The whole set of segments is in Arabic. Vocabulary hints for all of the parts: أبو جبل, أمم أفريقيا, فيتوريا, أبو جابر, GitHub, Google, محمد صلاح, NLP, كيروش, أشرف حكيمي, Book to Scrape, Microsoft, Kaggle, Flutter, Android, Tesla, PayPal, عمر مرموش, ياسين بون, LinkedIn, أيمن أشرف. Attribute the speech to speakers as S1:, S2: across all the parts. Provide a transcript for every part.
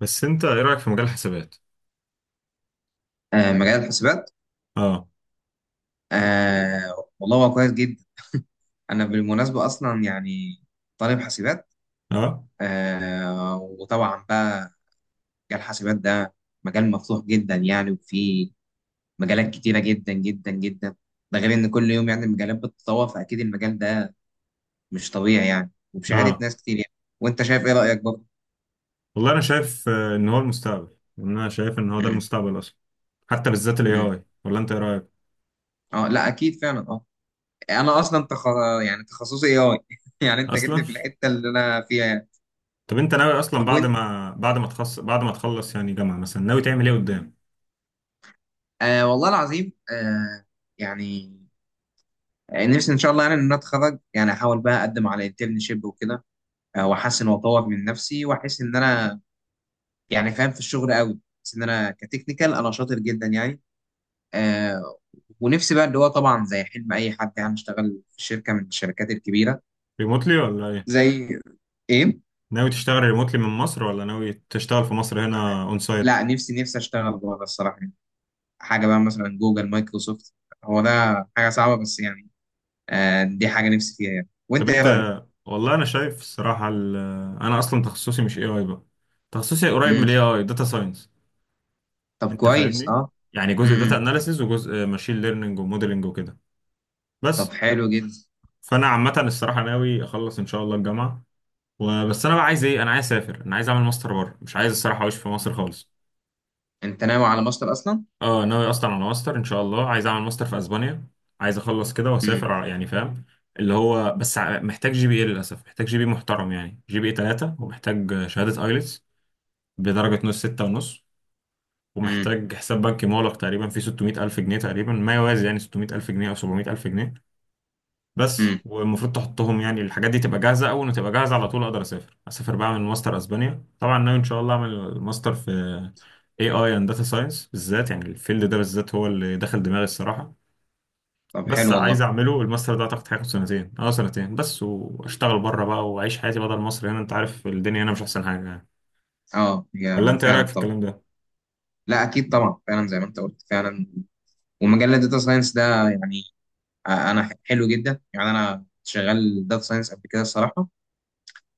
S1: بس انت ايه رايك في مجال الحسابات؟
S2: مجال الحاسبات.
S1: اه.
S2: والله هو كويس جدا. انا بالمناسبه اصلا يعني طالب حاسبات.
S1: اه.
S2: وطبعا بقى مجال الحاسبات ده مجال مفتوح جدا يعني، وفيه مجالات كتيره جدا جدا جدا. ده غير ان كل يوم يعني المجالات بتتطور، فاكيد المجال ده مش طبيعي يعني، وبشهاده
S1: اه.
S2: ناس كتير يعني. وانت شايف ايه رايك برضه؟
S1: والله انا شايف، ان هو المستقبل، يعني انا شايف ان هو ده
S2: مم،
S1: المستقبل اصلا. حتى بالذات الاي
S2: مم.
S1: اي، ولا انت ايه رايك؟
S2: اه لا اكيد فعلا. اه، انا اصلا يعني تخصصي اي اي. يعني انت جيت
S1: اصلا.
S2: لي في الحته اللي انا فيها يعني.
S1: طب انت ناوي اصلا،
S2: طب
S1: بعد
S2: وانت؟
S1: ما بعد ما تخص بعد ما تخلص يعني جامعه مثلا، ناوي تعمل ايه قدام؟
S2: والله العظيم. يعني نفسي ان شاء الله يعني ان انا اتخرج، يعني احاول بقى اقدم على انترنشيب وكده. واحسن واطور من نفسي، واحس ان انا يعني فاهم في الشغل قوي، بس ان انا كتكنيكال انا شاطر جدا يعني. آه ونفسي بقى، اللي هو طبعا زي حلم اي حد، يعني اشتغل في شركه من الشركات الكبيره.
S1: ريموتلي ولا ايه؟
S2: زي ايه؟
S1: ناوي تشتغل ريموتلي من مصر، ولا ناوي تشتغل في مصر هنا اون سايت؟
S2: لا، نفسي اشتغل بره الصراحه يعني. حاجه بقى مثلا جوجل، مايكروسوفت. هو ده. حاجه صعبه بس يعني. دي حاجه نفسي فيها يعني.
S1: طب
S2: وانت ايه
S1: انت.
S2: رايك؟
S1: والله انا شايف الصراحه انا اصلا تخصصي مش اي اي بقى، تخصصي قريب من
S2: امم.
S1: الاي اي، داتا ساينس.
S2: طب
S1: انت
S2: كويس.
S1: فاهمني؟
S2: اه.
S1: يعني جزء داتا
S2: امم.
S1: اناليسيز، وجزء ماشين ليرنينج وموديلنج وكده.
S2: طب
S1: بس،
S2: حلو جدا.
S1: فانا عامه الصراحه ناوي اخلص ان شاء الله الجامعه، وبس انا بقى عايز ايه؟ انا عايز اسافر، انا عايز اعمل ماستر بره، مش عايز الصراحه اعيش في مصر خالص.
S2: انت ناوي على ماستر اصلا؟
S1: اه، ناوي اصلا على ماستر، ان شاء الله عايز اعمل ماستر في اسبانيا. عايز اخلص كده واسافر،
S2: امم.
S1: يعني فاهم. اللي هو بس، محتاج جي بي اي، للاسف محتاج جي بي محترم، يعني جي بي اي 3، ومحتاج شهاده ايلتس بدرجه نص 6.5،
S2: امم.
S1: ومحتاج حساب بنكي مغلق تقريبا فيه 600 ألف جنيه، تقريبا ما يوازي يعني 600 ألف جنيه أو 700 ألف جنيه. بس،
S2: امم.
S1: والمفروض تحطهم، يعني الحاجات دي تبقى جاهزه، اول ما تبقى جاهزه على طول اقدر اسافر. اسافر بقى من ماستر اسبانيا، طبعا ناوي ان شاء الله اعمل ماستر في اي اي اند داتا ساينس بالذات، يعني الفيلد ده بالذات هو اللي دخل دماغي الصراحه.
S2: طب
S1: بس
S2: حلو
S1: عايز
S2: والله.
S1: اعمله، الماستر ده اعتقد هياخد سنتين. اه، سنتين بس، واشتغل بره بقى واعيش حياتي بدل مصر هنا. انت عارف الدنيا هنا مش احسن حاجه يعني،
S2: اه
S1: ولا
S2: هي
S1: انت ايه رايك
S2: فعلا.
S1: في
S2: طب،
S1: الكلام ده؟
S2: لا اكيد طبعا فعلا زي ما انت قلت فعلا. ومجال الداتا ساينس ده يعني حلو جدا يعني. انا شغال داتا ساينس قبل كده الصراحه.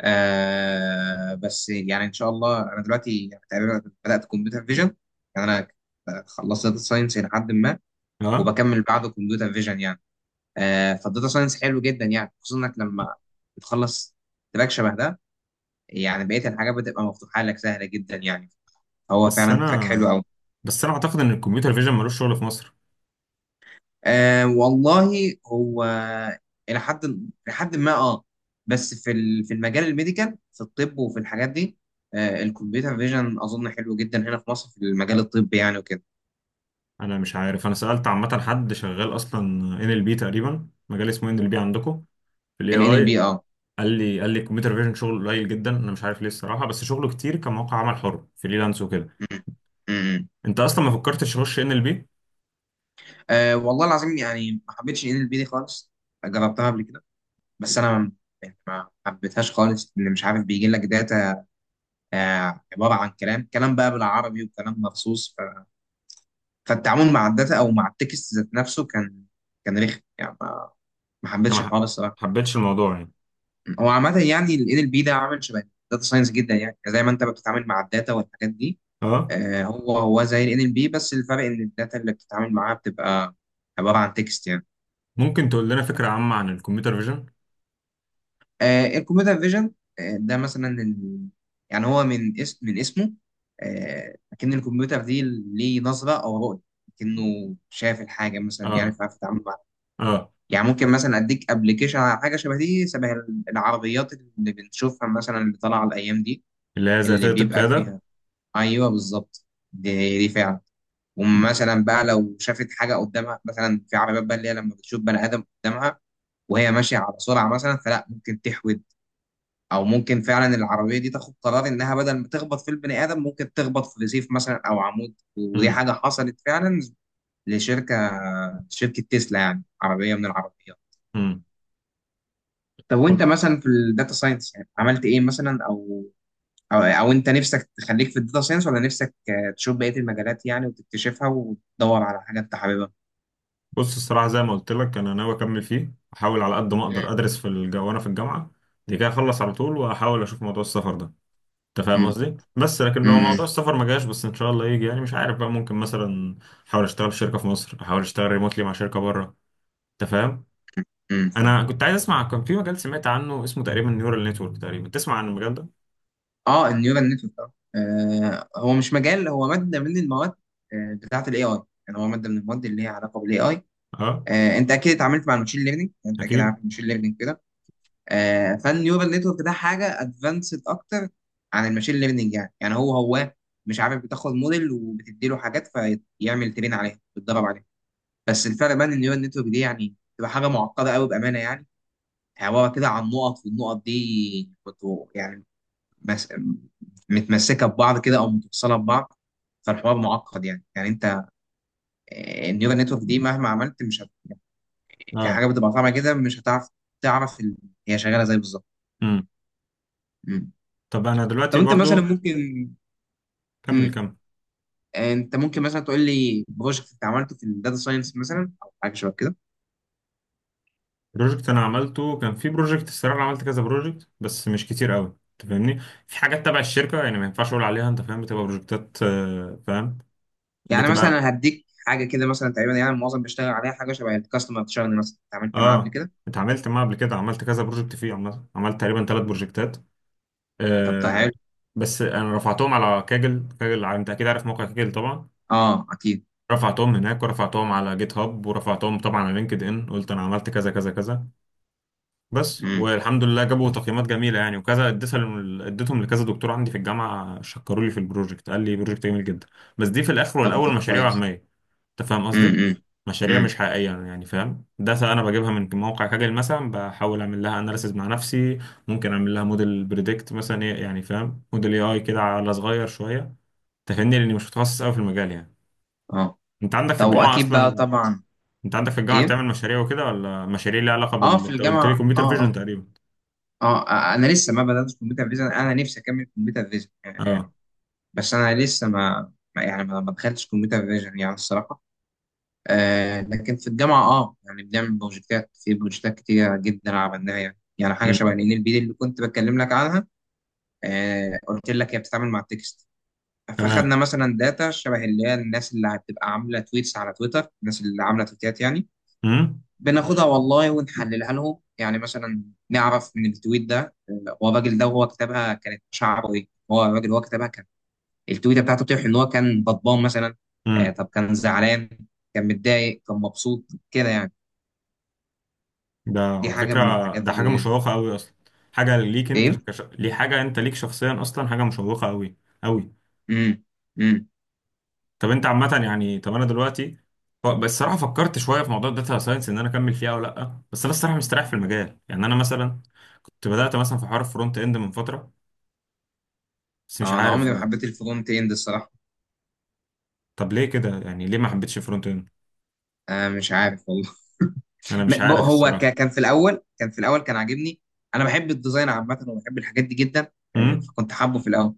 S2: بس يعني ان شاء الله، انا دلوقتي يعني تقريبا بدات كمبيوتر فيجن. يعني انا خلصت داتا ساينس الى حد ما،
S1: اه.
S2: وبكمل بعده كمبيوتر فيجن يعني. فالداتا ساينس حلو جدا يعني، خصوصا انك لما بتخلص تراك شبه ده، يعني بقيه الحاجات بتبقى مفتوحه لك، سهله جدا يعني. هو
S1: بس
S2: فعلا تراك حلو
S1: انا
S2: قوي.
S1: بس انا اعتقد ان الكمبيوتر فيجن ملوش شغل في مصر.
S2: والله هو الى حد، الى حد ما اه. بس في في المجال الميديكال، في الطب وفي الحاجات دي، الكمبيوتر فيجن اظن حلو جدا هنا في مصر في المجال الطبي يعني وكده.
S1: انا مش عارف، انا سالت عامه حد شغال، اصلا ان ال بي تقريبا، مجال اسمه ان ال بي عندكم في الاي
S2: ال ان ال
S1: اي.
S2: بي، اه.
S1: قال لي الكمبيوتر فيجن شغله قليل جدا، انا مش عارف ليه الصراحه، بس شغله كتير كموقع عمل حر فريلانس وكده.
S2: م- م- م.
S1: انت اصلا ما فكرتش تخش ان ال بي؟
S2: آه، والله العظيم يعني ما حبيتش ال ان ال بي دي خالص. جربتها قبل كده، بس انا ما حبيتهاش خالص، اللي مش عارف بيجي لك داتا عباره عن كلام كلام بقى بالعربي وكلام مخصوص. فالتعامل مع الداتا او مع التكست ذات نفسه كان، كان رخم يعني. ما حبيتش
S1: ما ح-
S2: الحوار الصراحه.
S1: حبيتش الموضوع يعني.
S2: هو عامه يعني ال NLP ده عامل شبه الداتا ساينس جدا يعني، يعني زي ما انت بتتعامل مع الداتا والحاجات دي.
S1: اه.
S2: هو زي ال NLP، بس الفرق ان الداتا اللي بتتعامل معاها بتبقى عباره عن تكست يعني.
S1: ممكن تقول لنا فكره عامه عن الكمبيوتر فيجن؟
S2: الكمبيوتر فيجن، ده مثلا يعني هو من اسم، من اسمه. لكن الكمبيوتر دي ليه نظرة أو رؤية، لكنه شاف الحاجة مثلا،
S1: اه.
S2: عارف يتعامل معاها.
S1: اه.
S2: يعني ممكن مثلا أديك أبلكيشن على حاجة شبه دي، شبه العربيات اللي بنشوفها مثلا اللي طالعة الأيام دي،
S1: اللي هي
S2: اللي
S1: ذاتيه
S2: بيبقى
S1: القياده.
S2: فيها، أيوه بالظبط. دي فعلا. ومثلا بقى لو شافت حاجة قدامها، مثلا في عربيات بقى، اللي هي لما بتشوف بني آدم قدامها وهي ماشية على سرعة مثلا، فلا ممكن تحود، او ممكن فعلا العربيه دي تاخد قرار انها بدل ما تخبط في البني ادم، ممكن تخبط في رصيف مثلا او عمود. ودي
S1: امم.
S2: حاجه حصلت فعلا لشركه تسلا، يعني عربيه من العربيات.
S1: امم.
S2: طب
S1: طب،
S2: وانت مثلا في الداتا ساينس يعني عملت ايه مثلا، او أو انت نفسك تخليك في الداتا ساينس، ولا نفسك تشوف بقيه المجالات يعني وتكتشفها وتدور على حاجه انت حاببها؟
S1: بص الصراحه زي ما قلت لك، انا ناوي اكمل فيه، احاول على قد ما اقدر ادرس في وانا في الجامعه دي، كده اخلص على طول واحاول اشوف موضوع السفر ده. انت فاهم
S2: امم.
S1: قصدي؟ بس لكن لو موضوع السفر ما جاش، بس ان شاء الله يجي، يعني مش عارف بقى، ممكن مثلا احاول اشتغل في شركه في مصر، احاول اشتغل ريموتلي مع شركه بره. انت فاهم؟
S2: امم.
S1: انا كنت عايز اسمع، كان في مجال سمعت عنه اسمه تقريبا نيورال نتورك، تقريبا تسمع عن المجال ده؟
S2: اه، النيورال نتورك. اه، هو مش مجال، هو ماده من المواد، بتاعه الاي اي. يعني هو ماده من المواد اللي هي علاقه بالاي اي.
S1: اه.
S2: انت اكيد اتعاملت مع المشين ليرنينج، انت اكيد عارف
S1: اكيد.
S2: المشين ليرنينج كده. فالنيورال نتورك ده حاجه ادفانسد اكتر عن المشين ليرنينج، يعني يعني هو مش عارف، بتاخد موديل وبتدي له حاجات، فيعمل ترين عليها، بتدرب عليها. بس الفرق بين النيورال نتورك دي، يعني تبقى حاجه معقده قوي بامانه يعني. عباره كده عن نقط، والنقط دي كنت يعني مس... متمسكه ببعض كده، او متوصله ببعض. فالحوار معقد يعني، يعني انت النيورال نتورك دي مهما عملت، مش هت... في
S1: اه.
S2: حاجه بتبقى طالعه كده مش هتعرف تعرف هي شغاله زي بالظبط.
S1: امم.
S2: مم.
S1: طب انا
S2: طب
S1: دلوقتي
S2: انت مثلا
S1: برضو.
S2: ممكن،
S1: كمل
S2: مم.
S1: كمل.
S2: انت ممكن مثلا تقول لي بروجكت انت عملته في الداتا ساينس مثلا او حاجه شبه كده.
S1: بروجكت انا عملته؟ كان في بروجكت الصراحه، انا عملت كذا بروجكت بس مش كتير قوي. انت فاهمني؟ في حاجات تبع الشركه يعني ما ينفعش اقول عليها. انت فاهم؟ بتبقى بروجكتات. فاهم.
S2: يعني مثلا
S1: بتبقى.
S2: هديك حاجه كده مثلا تقريبا، يعني معظم بيشتغل عليها حاجه شبه الكاستمر، شغل مثلا انت عملت معاه قبل
S1: اه.
S2: كده.
S1: اتعاملت معاه قبل كده، عملت كذا بروجكت فيه، عملت تقريبا 3 بروجكتات.
S2: طب
S1: آه.
S2: تعال.
S1: بس انا رفعتهم على كاجل، انت اكيد عارف موقع كاجل طبعا.
S2: اه اكيد.
S1: رفعتهم هناك، ورفعتهم على جيت هاب، ورفعتهم طبعا على لينكد ان، قلت انا عملت كذا كذا كذا. بس
S2: مم.
S1: والحمد لله جابوا تقييمات جميله يعني، وكذا اديتها لم- اديتهم لكذا دكتور عندي في الجامعه، شكروا لي في البروجكت، قال لي بروجكت جميل جدا. بس دي في الاخر
S2: طب
S1: والاول
S2: طب
S1: مشاريع
S2: كويس.
S1: وهميه. انت فاهم قصدي؟
S2: امم.
S1: مشاريع
S2: امم،
S1: مش حقيقيه يعني، فاهم؟ داتا انا بجيبها من موقع كاجل مثلا، بحاول اعمل لها اناليسيز مع نفسي، ممكن اعمل لها موديل بريدكت مثلا. ايه يعني، فاهم؟ موديل اي اي كده على صغير شويه. تفهمني؟ لاني مش متخصص قوي في المجال يعني.
S2: اه.
S1: انت عندك في
S2: طب
S1: الجامعه
S2: واكيد بقى
S1: اصلا؟
S2: طبعا.
S1: انت عندك في الجامعه
S2: ايه.
S1: بتعمل مشاريع وكده، ولا مشاريع ليها علاقه
S2: اه،
S1: بال،
S2: في
S1: انت قلت لي
S2: الجامعه،
S1: كمبيوتر
S2: اه
S1: فيجن
S2: اه.
S1: تقريبا؟
S2: اه، انا لسه ما بداتش كمبيوتر فيجن، انا نفسي اكمل كمبيوتر فيجن يعني
S1: اه.
S2: يعني. بس انا لسه ما دخلتش كمبيوتر فيجن يعني الصراحه. لكن في الجامعه اه يعني بنعمل بروجكتات، بروجكتات كتيره جدا عملناها يعني، يعني حاجه
S1: امم.
S2: شبه ان ال بي اللي كنت بتكلم لك عنها. قلت لك هي بتتعامل مع التكست.
S1: تمام.
S2: فاخدنا مثلا داتا شبه اللي هي الناس اللي بتبقى عامله تويتس على تويتر، الناس اللي عامله تويتات يعني،
S1: امم.
S2: بناخدها والله ونحللها لهم يعني. مثلا نعرف من التويت ده آه، هو الراجل ده هو كتبها كانت شعره ايه هو الراجل هو كتبها، كان التويته بتاعته بتوضح ان هو كان غضبان مثلا،
S1: امم.
S2: طب كان زعلان، كان متضايق، كان مبسوط، كده يعني.
S1: ده
S2: دي
S1: على
S2: حاجه من
S1: فكره
S2: الحاجات
S1: ده حاجه
S2: اللي،
S1: مشوقه قوي اصلا. حاجه ليك انت،
S2: ايه.
S1: ليه، حاجه انت ليك شخصيا اصلا، حاجه مشوقه قوي قوي.
S2: امم. امم.
S1: طب انت عامة يعني، طب انا دلوقتي بس الصراحة فكرت شوية في موضوع الداتا ساينس، ان انا اكمل فيه او لا، بس انا الصراحة مستريح في المجال يعني. انا مثلا كنت بدأت مثلا في حوار فرونت اند من فترة، بس مش
S2: انا
S1: عارف
S2: عمري ما
S1: بقى.
S2: حبيت الفرونت اند الصراحه.
S1: طب ليه كده يعني؟ ليه ما حبيتش فرونت اند؟
S2: مش عارف والله.
S1: انا مش
S2: م- بق-
S1: عارف
S2: هو
S1: الصراحة.
S2: ك- كان في الاول كان في الاول كان عاجبني. انا بحب الديزاين عامه، وبحب الحاجات دي جدا.
S1: امم.
S2: فكنت حابه في الاول،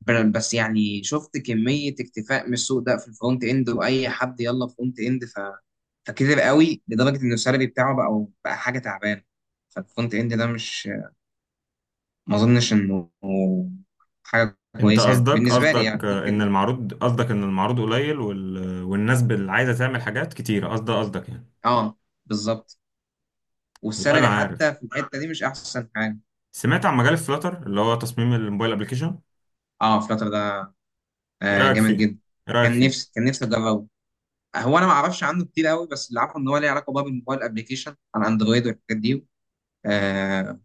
S2: بس يعني شفت كمية اكتفاء من السوق ده في الفرونت اند، واي حد يلا فرونت اند، فكتر قوي لدرجة ان السالري بتاعه بقى حاجة تعبانة. فالفرونت اند ده مش، ما اظنش انه حاجة
S1: انت
S2: كويسة يعني
S1: قصدك،
S2: بالنسبة لي يعني
S1: ان
S2: ممكن.
S1: المعروض، قصدك ان المعروض قليل، والناس اللي عايزة تعمل حاجات كتيرة، قصدك قصدك يعني.
S2: اه بالظبط.
S1: والله ما
S2: والسالري
S1: عارف.
S2: حتى في الحتة دي مش احسن حاجة.
S1: سمعت عن مجال الفلاتر، اللي هو تصميم الموبايل ابلكيشن.
S2: اه، فلاتر ده
S1: ايه رأيك
S2: جامد
S1: فيه؟
S2: جدا.
S1: ايه رأيك
S2: كان
S1: فيه؟
S2: نفسي كان نفسي اجربه. هو انا ما اعرفش عنه كتير قوي، بس اللي عارفه ان هو ليه علاقة بقى بالموبايل ابلكيشن على اندرويد والحاجات دي. آه،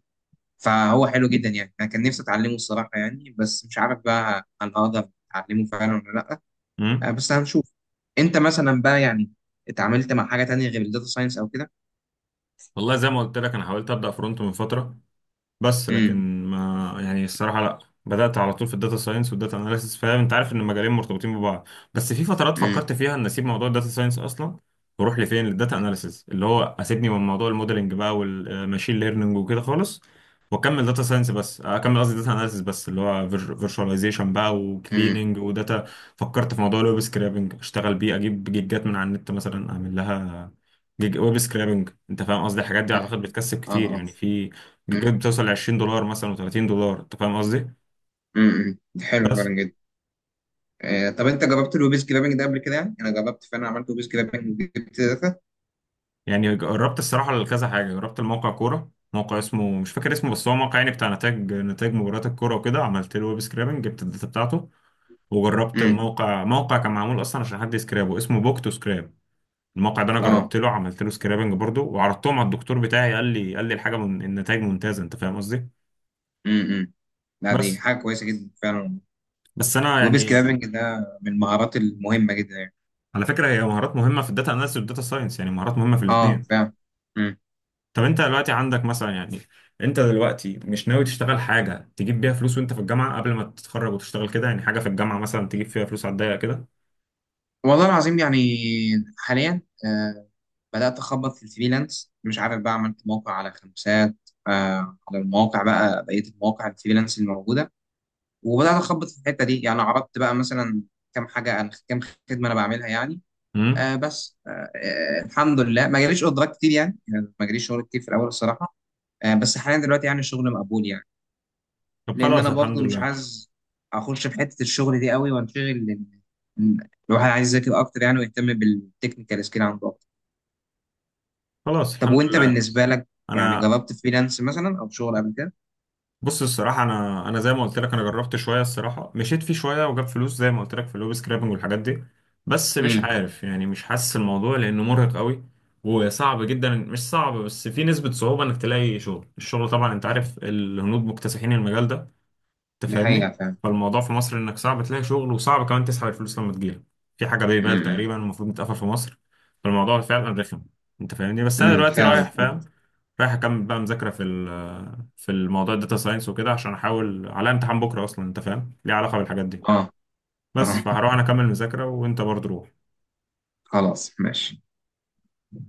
S2: فهو حلو جدا يعني، انا كان نفسي اتعلمه الصراحه يعني، بس مش عارف بقى هل هقدر اتعلمه فعلا ولا لا.
S1: مم؟
S2: بس هنشوف. انت مثلا بقى يعني اتعاملت مع حاجه تانية غير الداتا ساينس او كده؟
S1: والله زي ما قلت لك، انا حاولت ابدا فرونت من فتره، بس
S2: امم.
S1: لكن ما، يعني الصراحة لا. بدأت على طول في الداتا ساينس والداتا اناليسيس، فاهم؟ انت عارف ان المجالين مرتبطين ببعض. بس في فترات
S2: امم.
S1: فكرت فيها ان اسيب موضوع الداتا ساينس اصلا، واروح لفين، للداتا اناليسيس، اللي هو اسيبني من موضوع الموديلنج بقى والماشين ليرنينج وكده خالص، واكمل داتا ساينس بس، اكمل قصدي داتا اناليسيس بس، اللي هو فيرشواليزيشن بقى
S2: امم.
S1: وكليننج وداتا. فكرت في موضوع الويب سكرابنج، اشتغل بيه، اجيب جيجات من على النت مثلا، اعمل لها جيج ويب سكرابنج. انت فاهم قصدي الحاجات دي؟
S2: أمم.
S1: اعتقد بتكسب
S2: اه
S1: كتير
S2: اه.
S1: يعني. في بجد
S2: امم.
S1: بتوصل ل 20$ مثلا و30 دولار. انت فاهم قصدي؟
S2: امم، ده حلو
S1: بس،
S2: فعلا جدا. طب انت جربت الويب سكرابنج ده قبل كده؟ يعني انا جربت فعلا، عملت ويب سكرابنج، جبت داتا.
S1: يعني جربت الصراحه لكذا حاجه، جربت الموقع كوره، موقع اسمه مش فاكر اسمه، بس هو موقع يعني بتاع نتائج مباريات الكوره وكده، عملت له ويب سكرابنج، جبت الداتا بتاعته. وجربت
S2: امم.
S1: الموقع، موقع كان معمول اصلا عشان حد يسكرابه، اسمه بوك تو سكراب. الموقع ده انا
S2: اه.
S1: جربت له، عملت له سكرابنج برضه، وعرضتهم على الدكتور بتاعي، قال لي الحاجه من النتائج ممتازه. انت فاهم قصدي؟
S2: امم. أمم. لا، دي
S1: بس
S2: حاجه كويسه جدا فعلا.
S1: بس انا
S2: ويب
S1: يعني.
S2: سكرابنج ده من المهارات المهمه جدا يعني.
S1: على فكره هي مهارات مهمه في الداتا اناليسيس والداتا ساينس، يعني مهارات مهمه في
S2: اه
S1: الاثنين.
S2: فعلا.
S1: طب انت دلوقتي عندك مثلا يعني، انت دلوقتي مش ناوي تشتغل حاجة تجيب بيها فلوس وانت في الجامعة قبل ما تتخرج وتشتغل كده، يعني حاجة في الجامعة مثلا تجيب فيها فلوس على الضيق كده؟
S2: والله العظيم يعني حاليا، بدأت أخبط في الفريلانس. مش عارف بقى، عملت موقع على خمسات، على المواقع بقى، بقية المواقع الفريلانس الموجودة، وبدأت أخبط في الحتة دي. يعني عرضت بقى مثلا كام حاجة، عن كام خدمة أنا بعملها يعني.
S1: امم.
S2: آه بس آه آه، الحمد لله ما جاليش أوردرات كتير يعني، يعني ما جاليش شغل كتير في الأول الصراحة. بس حاليا دلوقتي يعني الشغل مقبول يعني.
S1: طب
S2: لان
S1: خلاص
S2: انا
S1: الحمد
S2: برضه مش
S1: لله.
S2: عايز اخش في حته الشغل دي قوي وانشغل، لان إن الواحد عايز يذاكر اكتر يعني، ويهتم بالتكنيكال سكيل عنده اكتر.
S1: خلاص
S2: طب
S1: الحمد
S2: وانت
S1: لله.
S2: بالنسبه لك يعني،
S1: انا
S2: جربت فريلانس مثلا او شغل قبل كده؟
S1: بص الصراحة، انا زي ما قلت لك، انا جربت شوية الصراحة، مشيت فيه شوية وجاب فلوس زي ما قلت لك في الويب سكرابنج والحاجات دي، بس مش
S2: امم.
S1: عارف يعني، مش حاسس الموضوع لانه مرهق قوي وصعب جدا. مش صعب، بس في نسبة صعوبة انك تلاقي شغل. الشغل طبعا، انت عارف، الهنود مكتسحين المجال ده. انت
S2: دي
S1: فاهمني؟
S2: حقيقه فعلا.
S1: فالموضوع في مصر، انك صعب تلاقي شغل وصعب كمان تسحب الفلوس لما تجيلك، في حاجه بيبال
S2: امم.
S1: تقريبا المفروض تتقفل في مصر. فالموضوع فعلا رخم، انت فاهمني. بس انا
S2: امم،
S1: دلوقتي
S2: فعلا
S1: رايح،
S2: اه.
S1: فاهم؟ رايح اكمل بقى مذاكره في في الموضوع الداتا ساينس وكده، عشان احاول على امتحان بكره اصلا، انت فاهم ليه علاقه بالحاجات دي.
S2: اه،
S1: بس
S2: آه.
S1: فهروح انا اكمل مذاكره، وانت برضه روح.
S2: خلاص ماشي.